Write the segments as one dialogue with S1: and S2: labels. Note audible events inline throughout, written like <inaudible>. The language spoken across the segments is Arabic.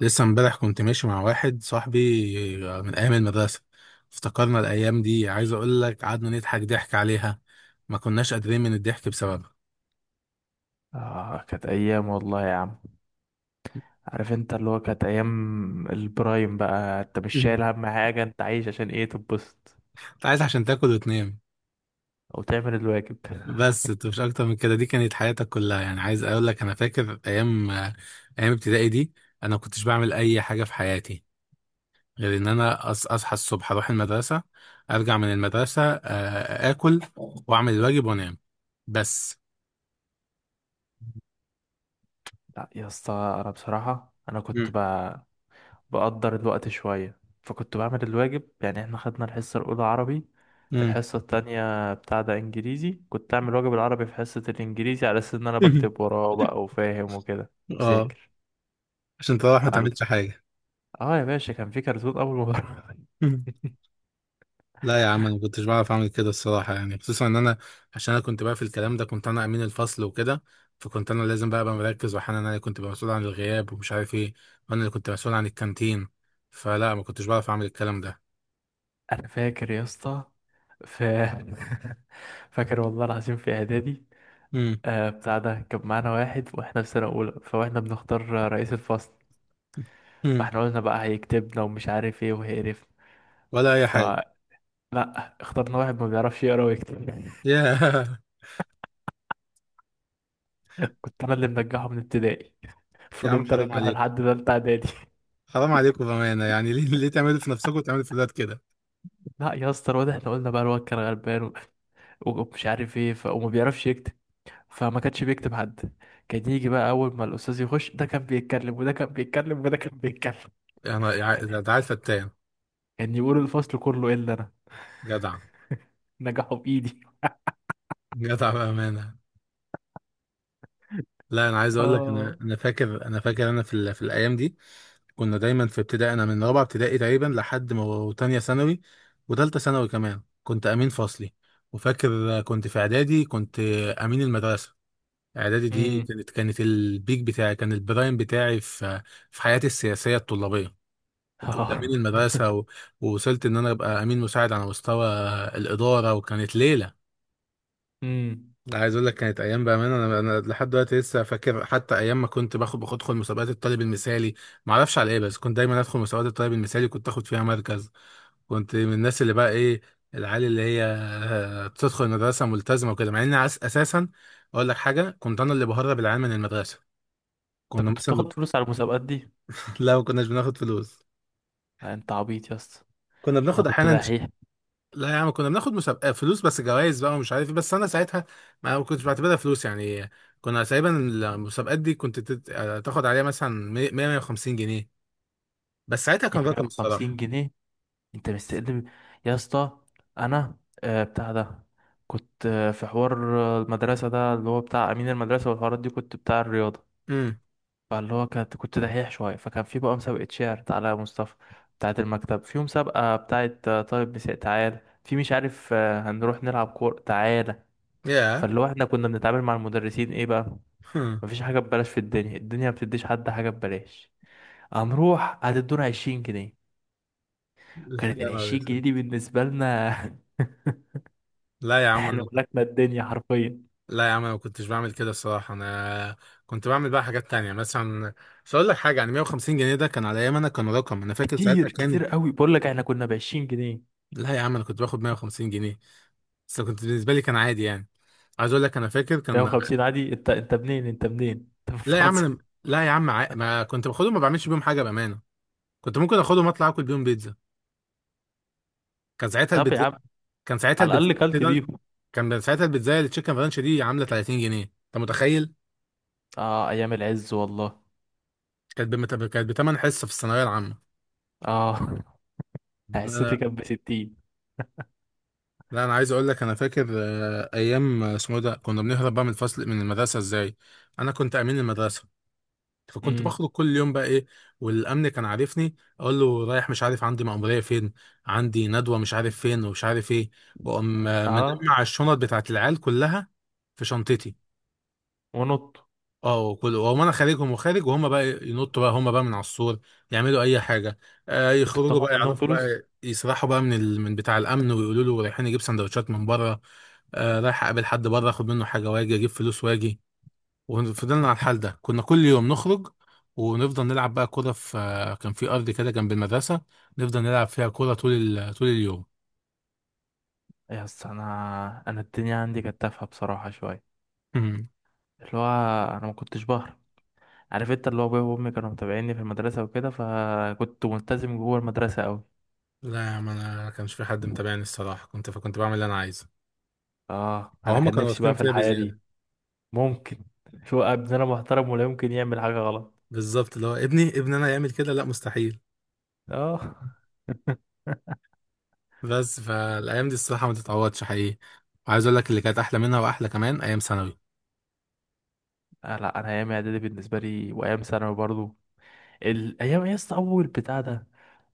S1: لسه امبارح كنت ماشي مع واحد صاحبي. من ايام المدرسه. افتكرنا الايام دي، عايز اقول لك قعدنا نضحك ضحك عليها، ما كناش قادرين من الضحك بسببها.
S2: آه كانت أيام والله يا عم. عارف انت اللي هو كانت أيام البرايم بقى، انت مش شايل
S1: مم.
S2: هم حاجة، انت عايش عشان ايه، تتبسط
S1: انت عايز عشان تاكل وتنام،
S2: أو تعمل الواجب.
S1: بس انت مش اكتر من كده. دي كانت حياتك كلها، يعني عايز اقول لك انا فاكر ايام ايام ابتدائي دي. انا ما كنتش بعمل اي حاجه في حياتي غير ان اصحى الصبح اروح المدرسه، ارجع من المدرسه، اكل واعمل الواجب وانام بس.
S2: لا يا اسطى، أنا بصراحة أنا كنت
S1: مم.
S2: بقدر الوقت شوية، فكنت بعمل الواجب يعني. احنا خدنا الحصة الأولى عربي،
S1: مم.
S2: الحصة التانية بتاع ده إنجليزي، كنت أعمل واجب العربي في حصة الإنجليزي على أساس إن أنا بكتب
S1: <laughs>
S2: وراه بقى وفاهم وكده
S1: اه،
S2: مذاكر.
S1: عشان تروح ما
S2: فال...
S1: تعملش حاجة.
S2: اه يا باشا، كان في كرتون أول. ما
S1: <laughs>
S2: <laughs>
S1: لا يا عم، انا ما كنتش بعرف اعمل كده الصراحة، يعني خصوصا ان انا، عشان انا كنت بقى في الكلام ده كنت انا امين الفصل وكده، فكنت انا لازم بقى ابقى مركز، واحيانا انا اللي كنت ببقى مسؤول عن الغياب ومش عارف ايه، وانا اللي كنت مسؤول عن الكانتين. فلا ما كنتش بعرف اعمل الكلام ده.
S2: انا فاكر يا اسطى. ف <laughs> فاكر والله العظيم في اعدادي.
S1: مم.
S2: بتاع ده كان معانا واحد واحنا في سنه اولى، فاحنا بنختار رئيس الفصل.
S1: مم.
S2: فاحنا قلنا بقى هيكتبنا ومش عارف ايه وهيقرفنا،
S1: ولا اي حاجة.
S2: فلا اخترنا واحد ما بيعرفش يقرا ويكتب. <laughs>
S1: <laughs> يا
S2: كنت انا اللي منجحه من ابتدائي،
S1: يا عم
S2: فضلت
S1: حرام
S2: ارجحه
S1: عليك،
S2: لحد تالتة اعدادي.
S1: حرام عليكم بأمانة يعني. <laughs> ليه تعملوا في نفسكم وتعملوا في الولاد كده؟
S2: <laughs> لا يا اسطى الواد، احنا قلنا بقى الواد كان غلبان ومش عارف ايه وما بيعرفش يكتب، فما كانش بيكتب حد. كان يجي بقى اول ما الاستاذ يخش، ده كان بيتكلم وده كان بيتكلم وده كان بيتكلم. <laughs> كان
S1: يعني ده عيل فتان.
S2: كان يقول الفصل كله الا انا،
S1: جدع.
S2: نجحوا بايدي.
S1: جدع بأمانة. لا انا عايز اقول لك انا
S2: اه
S1: انا فاكر، انا فاكر انا في الايام دي كنا دايما في ابتدائي، انا من رابعه ابتدائي تقريبا لحد ما تانية ثانوي وتالتة ثانوي كمان كنت امين فصلي. وفاكر كنت في اعدادي كنت امين المدرسه. اعدادي دي
S2: <laughs> امم.
S1: كانت البيك بتاعي، كان البرايم بتاعي في حياتي السياسيه الطلابيه. كنت
S2: اه.
S1: امين المدرسه ووصلت ان انا ابقى امين مساعد على مستوى الاداره، وكانت ليله.
S2: امم.
S1: لا، عايز اقول لك كانت ايام بامانه، انا انا لحد دلوقتي لسه فاكر، حتى ايام ما كنت باخد ادخل مسابقات الطالب المثالي، ما اعرفش على ايه، بس كنت دايما ادخل مسابقات الطالب المثالي كنت اخد فيها مركز. كنت من الناس اللي بقى ايه، العيال اللي هي بتدخل المدرسه ملتزمه وكده، مع ان اساسا اقول لك حاجه كنت انا اللي بهرب العيال من المدرسه.
S2: انت
S1: كنا
S2: كنت
S1: مثلا <laughs> نب-.
S2: بتاخد فلوس على المسابقات دي؟
S1: لا ما كناش بناخد فلوس،
S2: لا، انت عبيط يا اسطى،
S1: كنا
S2: انا
S1: بناخد
S2: كنت
S1: احيانا.
S2: دحيح.
S1: لا يا عم كنا بناخد مسابقة فلوس بس جوائز بقى ومش عارف ايه، بس انا ساعتها ما كنتش بعتبرها فلوس يعني. كنا تقريبا المسابقات دي كنت تاخد عليها مثلا 100 150 جنيه، بس ساعتها كان رقم
S2: 150
S1: الصراحة.
S2: جنيه انت مستقدم يا اسطى. انا بتاع ده كنت في حوار، المدرسه، ده اللي هو بتاع امين المدرسه والحوارات دي، كنت بتاع الرياضه.
S1: امم.
S2: فاللي هو كنت دحيح شوية، فكان في بقى مسابقة شعر على مصطفى بتاعة المكتب، في مسابقة بتاعة طالب مساء، تعالى في مش عارف، هنروح نلعب كورة، تعالى.
S1: يا.
S2: فاللي هو احنا كنا بنتعامل مع المدرسين ايه بقى. مفيش
S1: <laughs>
S2: حاجة ببلاش في الدنيا، الدنيا ما بتديش حد حاجة ببلاش. هنروح هتدونا 20 جنيه. كانت
S1: يا نهار
S2: العشرين جنيه
S1: اسود.
S2: دي بالنسبة لنا، <laughs>
S1: لا يا عم
S2: احنا
S1: أنا-.
S2: ملكنا الدنيا حرفيا.
S1: لا يا عم انا ما كنتش بعمل كده الصراحة، انا كنت بعمل بقى حاجات تانية مثلا. مش هقول لك حاجة، يعني 150 جنيه ده كان على ايام انا، كان رقم، انا فاكر ساعتها
S2: كتير
S1: كان.
S2: كتير قوي، بقول لك احنا كنا بعشرين جنيه.
S1: لا يا عم انا كنت باخد 150 جنيه بس كنت بالنسبة لي كان عادي يعني. عايز اقول لك انا فاكر
S2: مية
S1: كان.
S2: وخمسين عادي؟ انت منين؟ انت منين؟ انت من
S1: لا يا عم
S2: فرنسا؟
S1: أنا... لا يا عم ما كنت باخدهم ما بعملش بيهم حاجه بامانه. كنت ممكن اخدهم اطلع اكل بيهم بيتزا. كان ساعتها
S2: طب يا
S1: البيتزا
S2: عم،
S1: كان ساعتها
S2: على
S1: البيتزا
S2: الأقل كلت بيهم.
S1: كان ساعتها البيتزا التشيكن رانش دي عامله 30 جنيه، انت متخيل؟
S2: اه أيام العز والله.
S1: كانت بمت... كانت بتمن حصه في الثانويه العامه.
S2: اه <laughs>
S1: لا
S2: حصتي
S1: لا.
S2: كانت بستين.
S1: لا انا عايز اقول لك انا فاكر ايام اسمه إيه ده كنا بنهرب بقى من الفصل من المدرسه ازاي. انا كنت امين المدرسه فكنت
S2: امم.
S1: بخرج كل يوم بقى ايه، والامن كان عارفني اقول له رايح مش عارف، عندي مأمورية فين، عندي ندوة مش عارف فين، ومش عارف ايه. واقوم
S2: اه.
S1: مجمع الشنط بتاعت العيال كلها في شنطتي.
S2: ونط.
S1: اه، وكل واقوم انا خارجهم وخارج، وهم بقى ينطوا بقى هم بقى من على السور يعملوا اي حاجة. آه
S2: كنت
S1: يخرجوا
S2: بتاخد
S1: بقى
S2: منهم
S1: يعرفوا بقى
S2: فلوس؟
S1: يسرحوا بقى من بتاع الامن ويقولوا له رايحين نجيب سندوتشات من بره. آه رايح اقابل حد بره اخد منه حاجة واجي اجيب فلوس واجي. وفضلنا على الحال ده، كنا كل يوم نخرج ونفضل نلعب بقى كرة في. كان في أرض كده جنب المدرسة، نفضل نلعب فيها كرة طول طول اليوم.
S2: يا اسطى، أنا الدنيا عندي كانت تافهة بصراحة شوية.
S1: مم.
S2: اللي هو أنا ما كنتش بهرب. عارف انت اللي هو، أبويا وأمي كانوا متابعيني في المدرسة وكده، فكنت ملتزم جوه المدرسة أوي.
S1: لا يا عم أنا كانش في حد متابعني الصراحة، كنت فكنت بعمل اللي أنا عايزه،
S2: اه،
S1: أو
S2: أنا
S1: هما
S2: كان
S1: كانوا
S2: نفسي بقى
S1: واثقين
S2: في
S1: فيا
S2: الحياة دي.
S1: بزيادة.
S2: ممكن. شو ابننا محترم، ولا يمكن يعمل حاجة غلط.
S1: بالظبط اللي هو ابني ابني أنا يعمل كده؟ لا مستحيل.
S2: اه <laughs>
S1: بس فالأيام دي الصراحة ما تتعوضش حقيقي. وعايز أقول لك اللي كانت أحلى منها وأحلى كمان أيام ثانوي.
S2: آه لا، انا ايام اعدادي بالنسبه لي وايام ثانوي برضو، الايام يا اسطى. اول بتاع ده،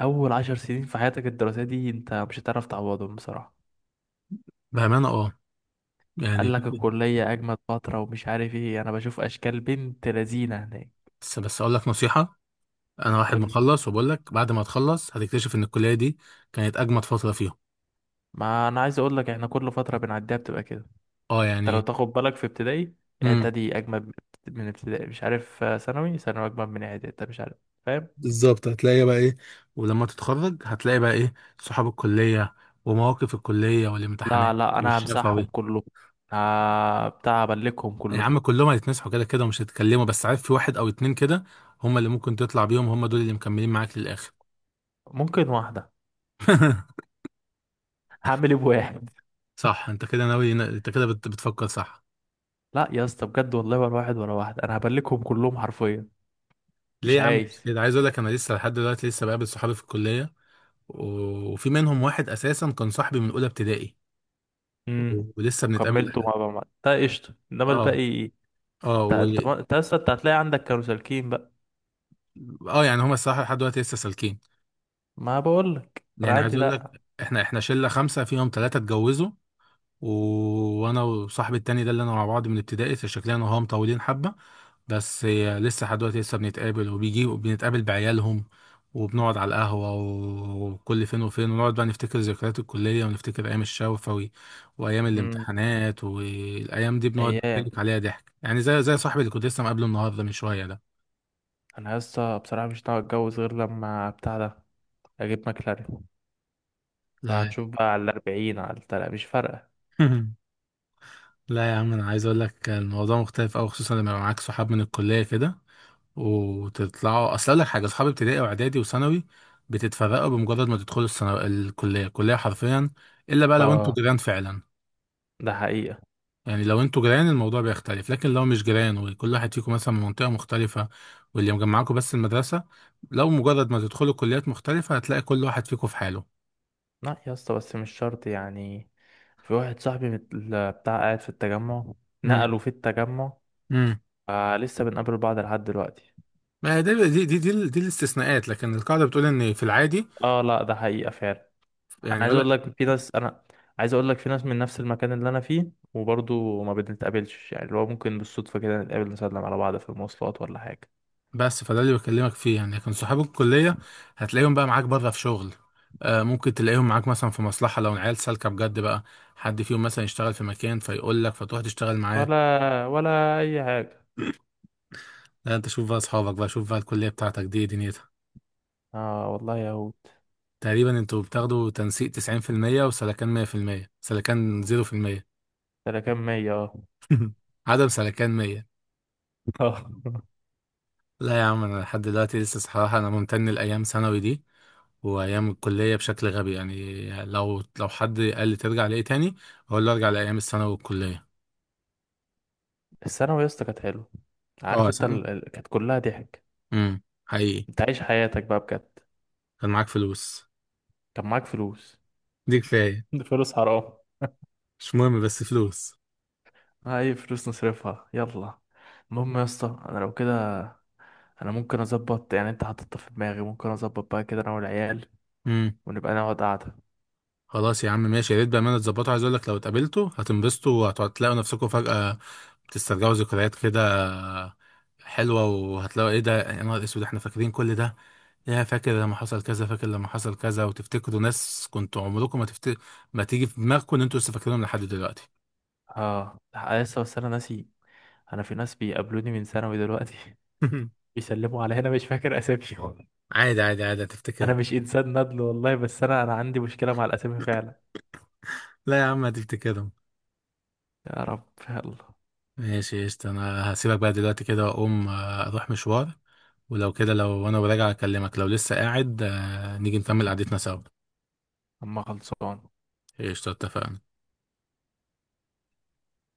S2: اول 10 سنين في حياتك الدراسيه دي، انت مش هتعرف تعوضهم بصراحه.
S1: بأمانة أه،
S2: قال
S1: يعني.
S2: لك الكليه اجمد فتره ومش عارف ايه، انا بشوف اشكال بنت لذينه هناك.
S1: بس أقول لك نصيحة، انا واحد
S2: قول.
S1: مخلص وبقول لك بعد ما تخلص هتكتشف ان الكليه دي كانت اجمد فتره فيهم.
S2: ما انا عايز اقول لك، احنا كل فتره بنعديها بتبقى كده.
S1: اه
S2: انت لو
S1: يعني.
S2: تاخد بالك، في ابتدائي
S1: امم.
S2: اعدادي اجمد من ابتدائي، مش عارف، ثانوي اجمد من اعدادي، انت مش عارف، فاهم.
S1: بالظبط هتلاقي بقى ايه، ولما تتخرج هتلاقي بقى ايه، صحاب الكليه ومواقف الكليه
S2: لا
S1: والامتحانات
S2: لا، انا همسحهم
S1: والشفوي.
S2: كلهم. آه بتاع ابلكهم
S1: يا
S2: كلهم.
S1: عم كلهم هيتمسحوا كده كده ومش هيتكلموا، بس عارف في واحد او اتنين كده هم اللي ممكن تطلع بيهم، هم دول اللي مكملين معاك للاخر.
S2: ممكن واحده.
S1: <laughs>
S2: هعمل ايه بواحد؟
S1: صح انت كده ناوي، بتفكر صح.
S2: لا يا اسطى بجد والله، ورا واحد ورا واحد، انا هبلكهم كلهم حرفيا.
S1: ليه
S2: مش
S1: يا عم
S2: عايز.
S1: كده؟ عايز اقول لك انا لسه لحد دلوقتي لسه بقابل صحابي في الكليه، وفي منهم واحد اساسا كان صاحبي من اولى ابتدائي
S2: امم.
S1: ولسه بنتقابل
S2: وكملته
S1: لحد.
S2: مع ده قشطه،
S1: <laughs>
S2: انما
S1: اه.
S2: الباقي...
S1: اه
S2: انت
S1: و...
S2: انت ما- انت اصلا انت هتلاقي عندك كانوا سالكين بقى.
S1: اه يعني هما الصراحه لحد دلوقتي لسه سالكين.
S2: ما بقول لك انا
S1: يعني عايز
S2: عندي
S1: اقول لك
S2: لا.
S1: احنا شله خمسه فيهم ثلاثه اتجوزوا، وانا وصاحبي التاني ده اللي انا مع بعض من ابتدائي، فشكلنا انا وهو مطولين حبه بس. هي لسه لحد دلوقتي لسه بنتقابل وبيجي وبنتقابل بعيالهم وبنقعد على القهوه، وكل فين وفين ونقعد بقى نفتكر ذكريات الكليه ونفتكر ايام الشوفه وايام
S2: امم.
S1: الامتحانات، والايام دي بنقعد
S2: ايام.
S1: نتكلم عليها ضحك، يعني زي صاحبي اللي كنت لسه مقابله النهارده من شويه ده.
S2: انا يا اسطى بصراحه مش ناوي اتجوز غير لما بتاع ده، اجيب مكلارين،
S1: لا.
S2: فهنشوف بقى على الاربعين على التلاتة، مش فارقه.
S1: <laughs> لا يا عم انا عايز اقول لك الموضوع مختلف قوي، خصوصا لما يبقى معاك صحاب من الكليه كده وتطلعوا اصل اقول لك حاجه اصحابي ابتدائي واعدادي وثانوي بتتفرقوا بمجرد ما تدخلوا الثانوي الكليه الكليه حرفيا، الا بقى لو انتوا
S2: اه
S1: جيران فعلا.
S2: ده حقيقه.
S1: يعني لو انتوا جيران الموضوع بيختلف، لكن لو مش جيران وكل واحد فيكم مثلا من منطقه مختلفه، واللي مجمعاكم بس المدرسه، لو مجرد ما تدخلوا كليات مختلفه هتلاقي كل واحد فيكم في حاله.
S2: لا يا اسطى بس مش شرط يعني، في واحد صاحبي بتاع قاعد في التجمع،
S1: امم.
S2: نقلوا في التجمع،
S1: امم.
S2: آه لسه بنقابل بعض لحد دلوقتي.
S1: ما هي دي دي الاستثناءات، لكن القاعده بتقول ان في العادي
S2: اه لا، ده حقيقة فعلا.
S1: يعني.
S2: انا عايز اقول لك في ناس من نفس المكان اللي انا فيه وبرضه ما بنتقابلش، يعني اللي هو ممكن بالصدفة كده نتقابل نسلم على بعض في المواصلات، ولا حاجة،
S1: بس فده اللي بكلمك فيه يعني، لكن صحاب الكلية هتلاقيهم بقى معاك بره في شغل. آه ممكن تلاقيهم معاك مثلا في مصلحة، لو العيال سالكة بجد بقى، حد فيهم مثلا يشتغل في مكان فيقول لك فتروح تشتغل معاه.
S2: ولا ولا اي حاجة.
S1: لا انت شوف بقى اصحابك بقى، شوف بقى الكلية بتاعتك دي إيه دنيتها.
S2: اه والله يا هود.
S1: تقريبا انتوا بتاخدوا تنسيق 90%، وسلكان 100%، سلكان 0%.
S2: ده انا كام مية؟ اه
S1: <laughs> عدم سلكان 100.
S2: آه. <laughs>
S1: لا يا عم انا لحد دلوقتي لسه صراحه انا ممتن لايام ثانوي دي وايام الكليه بشكل غبي، يعني لو حد قال لي ترجع لايه تاني اقول له ارجع لايام الثانوي والكليه.
S2: الثانوي يا اسطى كانت حلوة. عارف
S1: اه
S2: انت
S1: ثانوي.
S2: كانت كلها ضحك.
S1: حقيقي.
S2: انت عايش حياتك بقى بجد،
S1: كان معاك فلوس.
S2: كان معاك فلوس.
S1: دي كفايه.
S2: <laughs> فلوس حرام.
S1: مش مهم بس فلوس.
S2: اي فلوس نصرفها يلا. المهم يا اسطى، انا لو كده انا ممكن اظبط يعني، انت حاططها في دماغي، ممكن اظبط بقى كده انا والعيال
S1: امم.
S2: ونبقى نقعد قعده.
S1: خلاص يا عم ماشي، يا ريت بامانه تظبطوا، عايز اقول لك لو اتقابلتوا هتنبسطوا وهتلاقوا نفسكم فجاه بتسترجعوا ذكريات كده حلوه، وهتلاقوا ايه ده يا نهار اسود احنا فاكرين كل ده، يا فاكر لما حصل كذا فاكر لما حصل كذا، وتفتكروا ناس كنتوا عمركم ما تفت... ما تيجي في دماغكم ان انتوا لسه فاكرينهم لحد دلوقتي.
S2: اه لأ، لسه. بس انا ناسي، انا في ناس بيقابلوني من ثانوي دلوقتي <laughs>
S1: <laughs>
S2: بيسلموا على هنا، مش فاكر اساميهم.
S1: عادي عادي عادي
S2: انا
S1: هتفتكرهم.
S2: مش انسان ندل والله، بس انا عندي مشكله مع الاسامي فعلا.
S1: لا يا عم هتفتكرهم.
S2: يا رب يلا.
S1: ماشي قشطة، انا هسيبك بقى دلوقتي كده واقوم اروح مشوار، ولو كده لو انا وراجع اكلمك، لو لسه قاعد نيجي نكمل قعدتنا سوا.
S2: اما خلصان
S1: قشطة اتفقنا.